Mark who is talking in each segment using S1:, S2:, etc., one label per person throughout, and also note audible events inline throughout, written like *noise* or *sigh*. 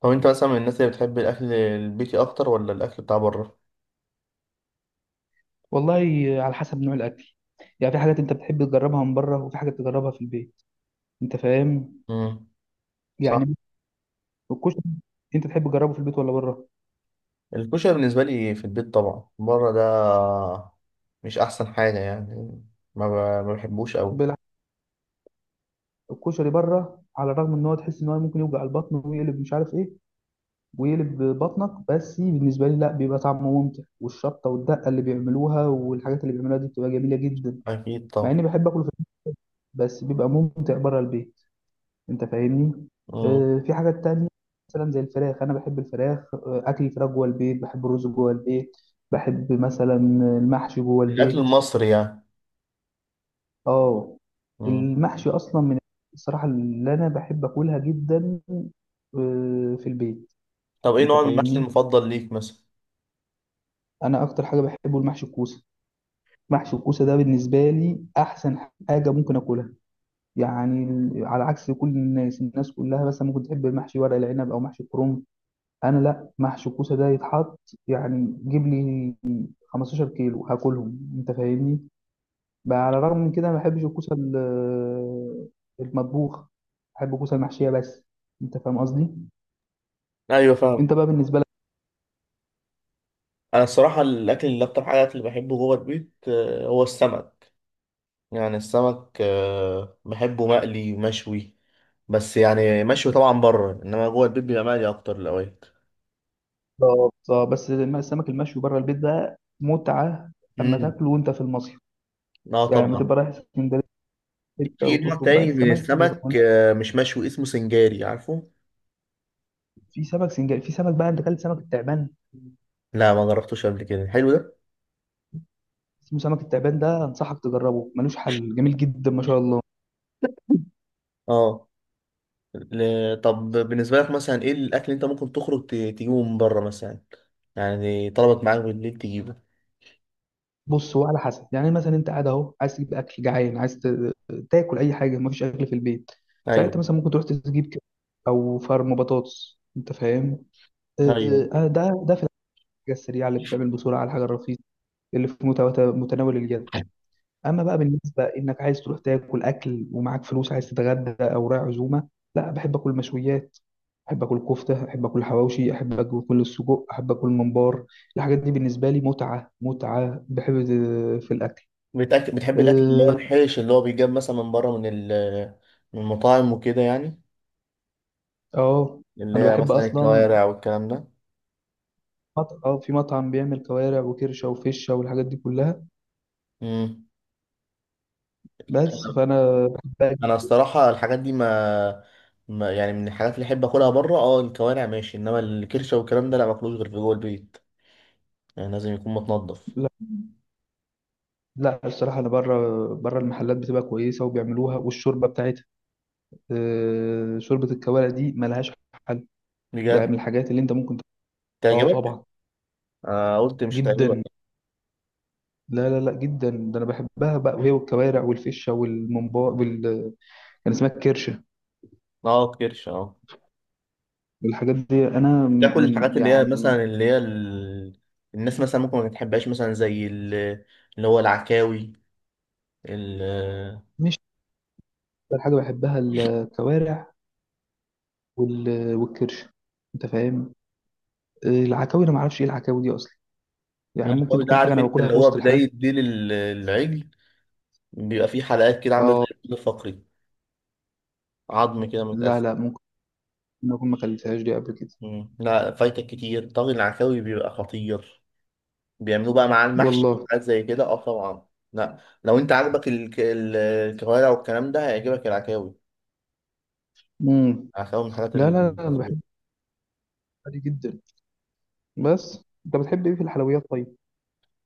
S1: طب انت مثلا من الناس اللي بتحب الاكل البيتي اكتر ولا الاكل بتاع بره؟
S2: والله، على حسب نوع الاكل. يعني في حاجات انت بتحب تجربها من بره وفي حاجات تجربها في البيت، انت فاهم؟
S1: امم. صح.
S2: يعني الكشري، انت تحب تجربه في البيت ولا بره؟
S1: الكشري بالنسبه لي في البيت طبعا، بره ده مش احسن حاجه يعني. ما بحبوش قوي.
S2: بالعكس، الكشري بره، على الرغم ان هو تحس ان هو ممكن يوجع البطن ويقلب مش عارف ايه ويقلب بطنك، بس بالنسبه لي لا، بيبقى طعمه ممتع، والشطه والدقه اللي بيعملوها والحاجات اللي بيعملوها دي بتبقى جميله جدا.
S1: اكيد
S2: مع اني
S1: طبعا.
S2: بحب اكله في البيت بس بيبقى ممتع بره البيت. انت فاهمني؟
S1: امم.
S2: في حاجات تانية، مثلا زي الفراخ، انا بحب الفراخ، اكل الفراخ جوه البيت، بحب الرز جوه البيت، بحب مثلا المحشي جوه
S1: الاكل
S2: البيت.
S1: المصري يعني؟
S2: اه،
S1: امم.
S2: المحشي اصلا من الصراحة اللي انا بحب اكلها جدا، في البيت.
S1: طب ايه
S2: انت
S1: نوع المحشي
S2: فاهمني؟
S1: المفضل ليك مثلا؟
S2: انا اكتر حاجة بحبه المحشي الكوسة. محشي الكوسة ده بالنسبة لي احسن حاجة ممكن اكلها، يعني على عكس كل الناس، الناس كلها مثلا ممكن تحب محشي ورق العنب او محشي الكرنب، انا لا، محشي الكوسه ده يتحط، يعني جيب لي 15 كيلو هاكلهم، انت فاهمني؟ بقى على الرغم من كده ما بحبش الكوسه المطبوخ، بحب الكوسه المحشيه بس. انت فاهم قصدي؟
S1: ايوه، فاهم.
S2: انت بقى بالنسبه لك؟
S1: انا الصراحه الاكل اللي اكتر حاجه اللي بحبه جوه البيت هو السمك. يعني السمك بحبه مقلي ومشوي. بس يعني مشوي طبعا بره، انما جوه البيت بيبقى مقلي اكتر الاوقات.
S2: بالظبط. اه، بس السمك المشوي بره البيت ده متعه، اما
S1: امم.
S2: تاكله وانت في المصيف،
S1: اه
S2: يعني لما
S1: طبعا.
S2: تبقى رايح اسكندريه حته
S1: في نوع
S2: وتطلب بقى
S1: تاني من
S2: السمك بيبقى
S1: السمك
S2: هناك.
S1: مش مشوي، اسمه سنجاري، عارفه؟
S2: في سمك سنجاري، في سمك بقى، انت اكلت سمك التعبان؟
S1: لا، ما جربتوش قبل كده. حلو ده؟
S2: اسمه سمك التعبان، ده انصحك تجربه، ملوش حل، جميل جدا ما شاء الله.
S1: اه. طب بالنسبه لك مثلا ايه الاكل اللي انت ممكن تخرج تجيبه من بره مثلا؟ يعني طلبت معاك بالليل تجيبه.
S2: بص، هو على حسب، يعني مثلا انت قاعد اهو عايز تجيب اكل، جعان عايز تاكل اي حاجه، مفيش اكل في البيت.
S1: ايوه.
S2: ساعتها مثلا ممكن تروح تجيب كده، او فرم بطاطس، انت فاهم؟ آه،
S1: ايوه.
S2: ده في الحاجه السريعه اللي بتعمل بسرعه، على الحاجه الرخيصه اللي في متناول اليد. اما بقى بالنسبه انك عايز تروح تاكل اكل ومعاك فلوس، عايز تتغدى او رايح عزومه، لا، بحب اكل مشويات، احب اكل كفته، احب اكل حواوشي، احب اكل السجق، احب اكل ممبار. الحاجات دي بالنسبه لي متعه، متعه، بحب في الاكل.
S1: بتحب الاكل
S2: آه،
S1: اللي هو الحيش اللي هو بيجاب مثلا من بره، من من المطاعم وكده يعني.
S2: اه،
S1: اللي
S2: انا
S1: هي
S2: بحب
S1: مثلا
S2: اصلا
S1: الكوارع والكلام ده.
S2: اه في مطعم بيعمل كوارع وكرشه وفشه والحاجات دي كلها،
S1: امم.
S2: بس فانا بحب
S1: انا الصراحه الحاجات دي ما يعني من الحاجات اللي احب اكلها بره. اه الكوارع ماشي، انما الكرشه والكلام ده لا، ماكلوش غير في جوه البيت. يعني لازم يكون متنضف.
S2: لا، لا، الصراحه انا بره، بره المحلات بتبقى كويسه وبيعملوها، والشوربه بتاعتها آه شوربه الكوارع دي ملهاش حل. يعني من
S1: بجد؟
S2: الحاجات اللي انت ممكن اه
S1: تعجبك.
S2: طبعا،
S1: انا قلت مش هتعجبك.
S2: جدا، لا لا لا، جدا، ده انا بحبها بقى، وهي والكوارع والفشه والممبار وال... كان اسمها الكرشه.
S1: اه، كرشه، اه.
S2: الحاجات دي انا
S1: بتاكل الحاجات
S2: من،
S1: اللي هي
S2: يعني
S1: مثلا اللي هي الناس مثلا ممكن ما تحبهاش، مثلا زي اللي هو العكاوي، ال...
S2: مش... اكتر حاجه بحبها الكوارع وال... والكرش، انت فاهم؟ العكاوي انا ما اعرفش ايه العكاوي دي اصلا، يعني ممكن
S1: العكاوي ده
S2: تكون حاجه
S1: عارف
S2: انا
S1: انت
S2: باكلها
S1: اللي
S2: في
S1: هو
S2: وسط الحاجات.
S1: بدايه ديل العجل. بيبقى فيه حلقات كده عامله زي
S2: اه،
S1: الفقري. عظم كده
S2: لا
S1: متقسم.
S2: لا، ممكن اكون ما اكلتهاش دي قبل كده.
S1: مم. لا فايتك كتير، طاجن العكاوي بيبقى خطير. بيعملوه بقى مع المحشي
S2: والله.
S1: وحاجات زي كده. اه طبعا. لا لو انت عاجبك الكوارع والكلام ده هيعجبك العكاوي.
S2: امم.
S1: العكاوي من الحاجات
S2: لا لا لا، انا
S1: الخطيرة.
S2: بحب الحلويات دي جدا. بس انت بتحب ايه في الحلويات طيب؟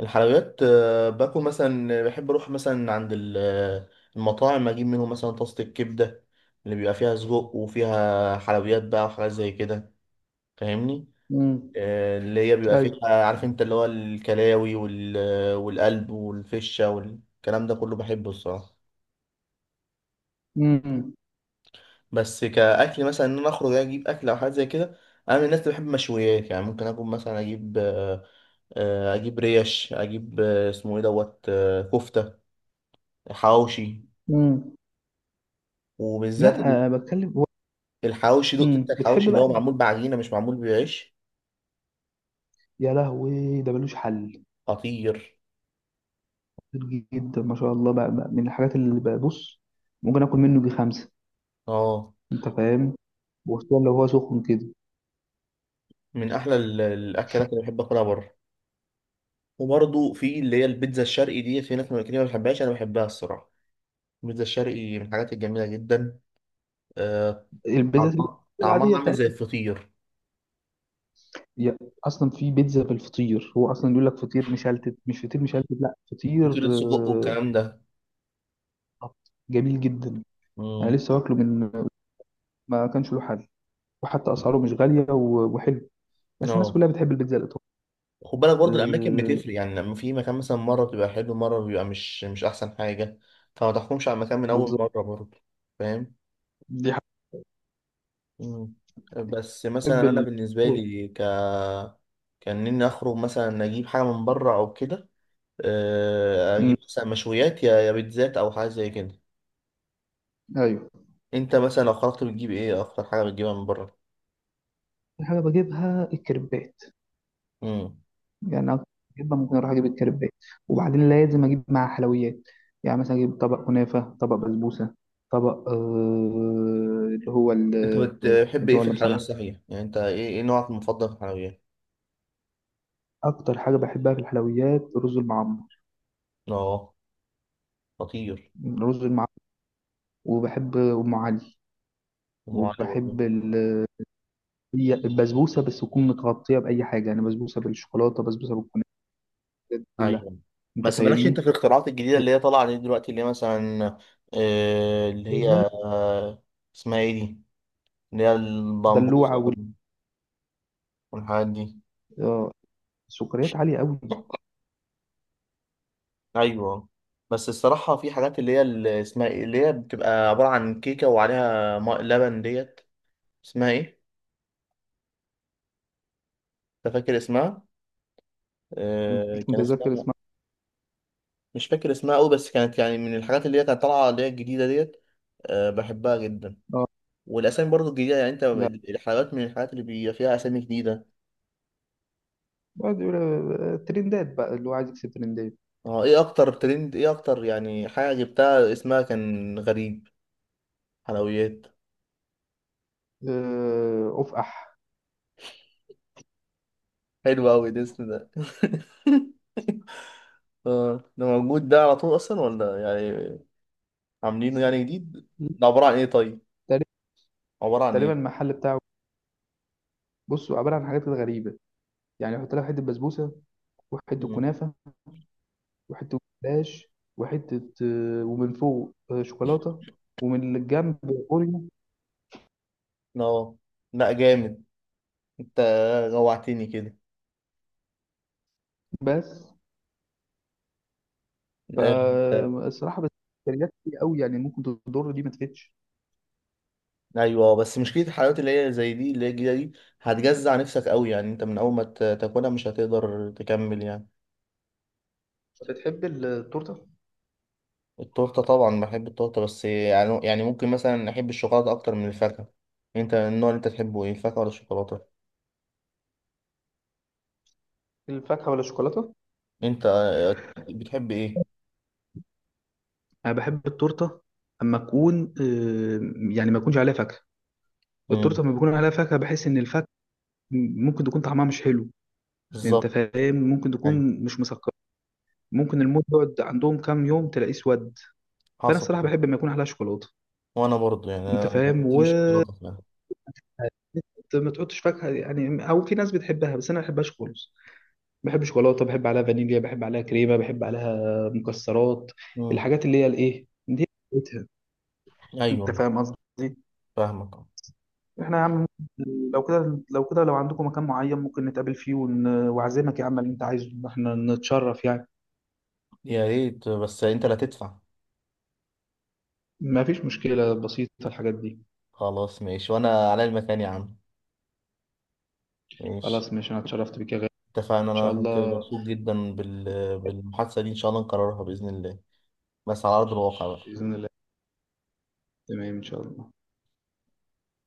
S1: الحلويات باكل مثلا، بحب اروح مثلا عند المطاعم، اجيب منهم مثلا طاسة الكبدة اللي بيبقى فيها سجق وفيها حلويات بقى وحاجات زي كده. فاهمني؟
S2: امم.
S1: اللي هي بيبقى
S2: ايوه.
S1: فيها، عارف انت، اللي هو الكلاوي والقلب والفشة والكلام ده كله بحبه الصراحة.
S2: امم.
S1: بس كأكل مثلا، ان انا اخرج اجيب اكل او حاجة زي كده، انا من الناس اللي بحب مشويات. يعني ممكن اكون مثلا اجيب اجيب ريش، اجيب اسمه ايه دوت كفتة، حواوشي.
S2: امم.
S1: وبالذات
S2: لا، بتكلم
S1: الحواوشي دقت، انت
S2: امم،
S1: الحواوشي
S2: بتحب
S1: اللي
S2: بقى؟
S1: هو معمول بعجينة مش معمول بعيش.
S2: يا لهوي ده ملوش حل،
S1: خطير.
S2: كتير جدا ما شاء الله، بقى من الحاجات اللي ببص ممكن اكل منه جي خمسه.
S1: اه.
S2: انت فاهم؟ وخصوصا لو هو سخن كده.
S1: من احلى الاكلات اللي بحب اكلها بره. وبرضه في اللي هي البيتزا الشرقي دي، في ناس ما كتير ما بتحبهاش، انا بحبها الصراحه. البيتزا الشرقي من الحاجات الجميله جدا. آه،
S2: البيتزا
S1: طعمها
S2: العاديه
S1: طعمها عامل زي
S2: بتاعتنا
S1: الفطير.
S2: هي اصلا، في بيتزا بالفطير هو اصلا، يقول لك فطير مشلتت، مش فطير مشلتت، لا فطير.
S1: فطيرة سجق
S2: آه،
S1: والكلام ده.
S2: خط. جميل جدا. انا
S1: امم.
S2: لسه واكله من، ما كانش له حل، وحتى اسعاره مش غاليه وحلو. بس الناس
S1: اه.
S2: كلها بتحب البيتزا الايطالي.
S1: خد بالك برضه الاماكن
S2: آه،
S1: بتفرق، يعني لما في مكان مثلا مره بتبقى حلو مره بيبقى مش احسن حاجه. فما تحكمش على المكان من اول
S2: بالظبط.
S1: مره برضه. فاهم؟
S2: دي حاجه.
S1: مم. بس
S2: بحب
S1: مثلا انا
S2: ال...
S1: بالنسبه لي كان اني اخرج مثلا اجيب حاجه من بره او كده،
S2: مم.
S1: اجيب مثلا مشويات، يا بيتزات او حاجه زي كده.
S2: ايوه.
S1: انت مثلا لو خرجت بتجيب ايه اكتر حاجه بتجيبها من بره؟
S2: دي حاجه بجيبها الكريبات،
S1: امم.
S2: يعني أكتر جدا، ممكن أروح أجيب الكريبات وبعدين لازم أجيب معاه حلويات، يعني مثلا أجيب طبق كنافة، طبق بسبوسة، طبق آه اللي هو ال...
S1: انت بتحب
S2: اللي
S1: ايه
S2: هو
S1: في
S2: اللي مصلح.
S1: الحلويات صحيح؟ يعني انت ايه نوعك المفضل في الحلويات؟
S2: أكتر حاجة بحبها في الحلويات رز المعمر.
S1: اه. خطير.
S2: رز المعمر، وبحب أم علي،
S1: ام علي برضه.
S2: وبحب ال... هي البسبوسة بس تكون متغطية بأي حاجة، يعني بسبوسة بالشوكولاتة، بسبوسة بالكنافة، الحاجات دي كلها.
S1: ايوه
S2: أنت
S1: بس مالكش انت
S2: فاهمني؟
S1: في الاختراعات الجديده اللي هي طالعه دي دلوقتي، اللي هي مثلا اللي هي،
S2: والله،
S1: آه اسمها ايه دي، اللي هي البامبوزه
S2: دلوعة
S1: والحاجات دي.
S2: آه، السكريات عالية أوي.
S1: ايوه بس الصراحه في حاجات اللي هي اللي اسمها ايه اللي هي بتبقى عباره عن كيكه وعليها ماء لبن ديت. اسمها ايه؟ انت فاكر اسمها؟
S2: أنا مش
S1: كان
S2: متذكر
S1: اسمها،
S2: اسمها.
S1: مش فاكر اسمها قوي، بس كانت يعني من الحاجات اللي هي كانت طالعه اللي هي الجديده ديت. آه بحبها جدا.
S2: آه.
S1: والاسامي برضو الجديده، يعني انت الحلويات من الحاجات اللي بيبقى فيها اسامي جديده.
S2: بعد يقول ترندات بقى، اللي هو عايز يكسب ترندات.
S1: اه. ايه اكتر ترند، ايه اكتر يعني حاجه جبتها اسمها كان غريب، حلويات؟
S2: افقح.
S1: حلو قوي الاسم ده. *laughs* اه ده موجود ده على طول اصلا ولا يعني عاملينه يعني جديد؟ ده عبارة عن ايه طيب؟
S2: تقريبا.
S1: عبارة عن
S2: تقريبا
S1: ايه؟
S2: المحل بتاعه، بص عباره عن حاجات كده غريبه، يعني يحط لك حته بسبوسه، وحته
S1: مم.
S2: كنافه، وحته جلاش، وحته ومن فوق شوكولاته، ومن الجنب اوريو.
S1: اه. لا جامد. انت جوعتني كده.
S2: بس
S1: آه،
S2: فالصراحه بس كالوريات كتير قوي، يعني ممكن تضر دي ما تفيدش.
S1: ايوه بس مشكله الحلويات اللي هي زي دي اللي هي الجديده دي، هتجزع نفسك قوي. يعني انت من اول ما تاكلها مش هتقدر تكمل يعني.
S2: بتحب التورته؟
S1: التورته طبعا بحب التورته، بس يعني ممكن مثلا احب الشوكولاته اكتر من الفاكهه. انت النوع اللي انت تحبه ايه، الفاكهه ولا الشوكولاته؟
S2: الفاكهه ولا الشوكولاته؟
S1: انت بتحب ايه؟
S2: انا بحب التورته اما اكون يعني ما يكونش عليها فاكهه.
S1: امم.
S2: التورته لما بيكون عليها فاكهه بحس ان الفاكهه ممكن تكون طعمها مش حلو، انت
S1: بالظبط.
S2: فاهم؟ ممكن
S1: ايوه.
S2: تكون مش مسكره، ممكن الموز يقعد عندهم كام يوم تلاقيه اسود. فانا
S1: حصل
S2: الصراحه
S1: ده.
S2: بحب لما يكون عليها شوكولاته،
S1: وانا برضو
S2: انت
S1: يعني
S2: فاهم؟
S1: انت
S2: و
S1: مش شوكولاته فعلا.
S2: ما تحطش فاكهه، يعني او في ناس بتحبها بس انا ما بحبهاش خالص. بحب شوكولاته، بحب عليها فانيليا، بحب عليها كريمه، بحب عليها مكسرات،
S1: مم.
S2: الحاجات اللي هي الايه دي بتاعتها. انت
S1: ايوه.
S2: فاهم قصدي؟
S1: فاهمك.
S2: احنا يا عم، لو كده، لو كده لو عندكم مكان معين ممكن نتقابل فيه واعزمك يا عم اللي انت عايزه، احنا نتشرف يعني،
S1: يا ريت بس انت اللي هتدفع.
S2: ما فيش مشكلة، بسيطة الحاجات دي.
S1: خلاص ماشي، وانا على المكان يا عم. ماشي.
S2: خلاص ماشي، أنا اتشرفت بك يا غالي.
S1: اتفقنا،
S2: إن شاء
S1: انا كنت
S2: الله.
S1: مبسوط جدا بالمحادثه دي، ان شاء الله نكررها باذن الله، بس على ارض الواقع بقى.
S2: بإذن الله. تمام إن شاء الله.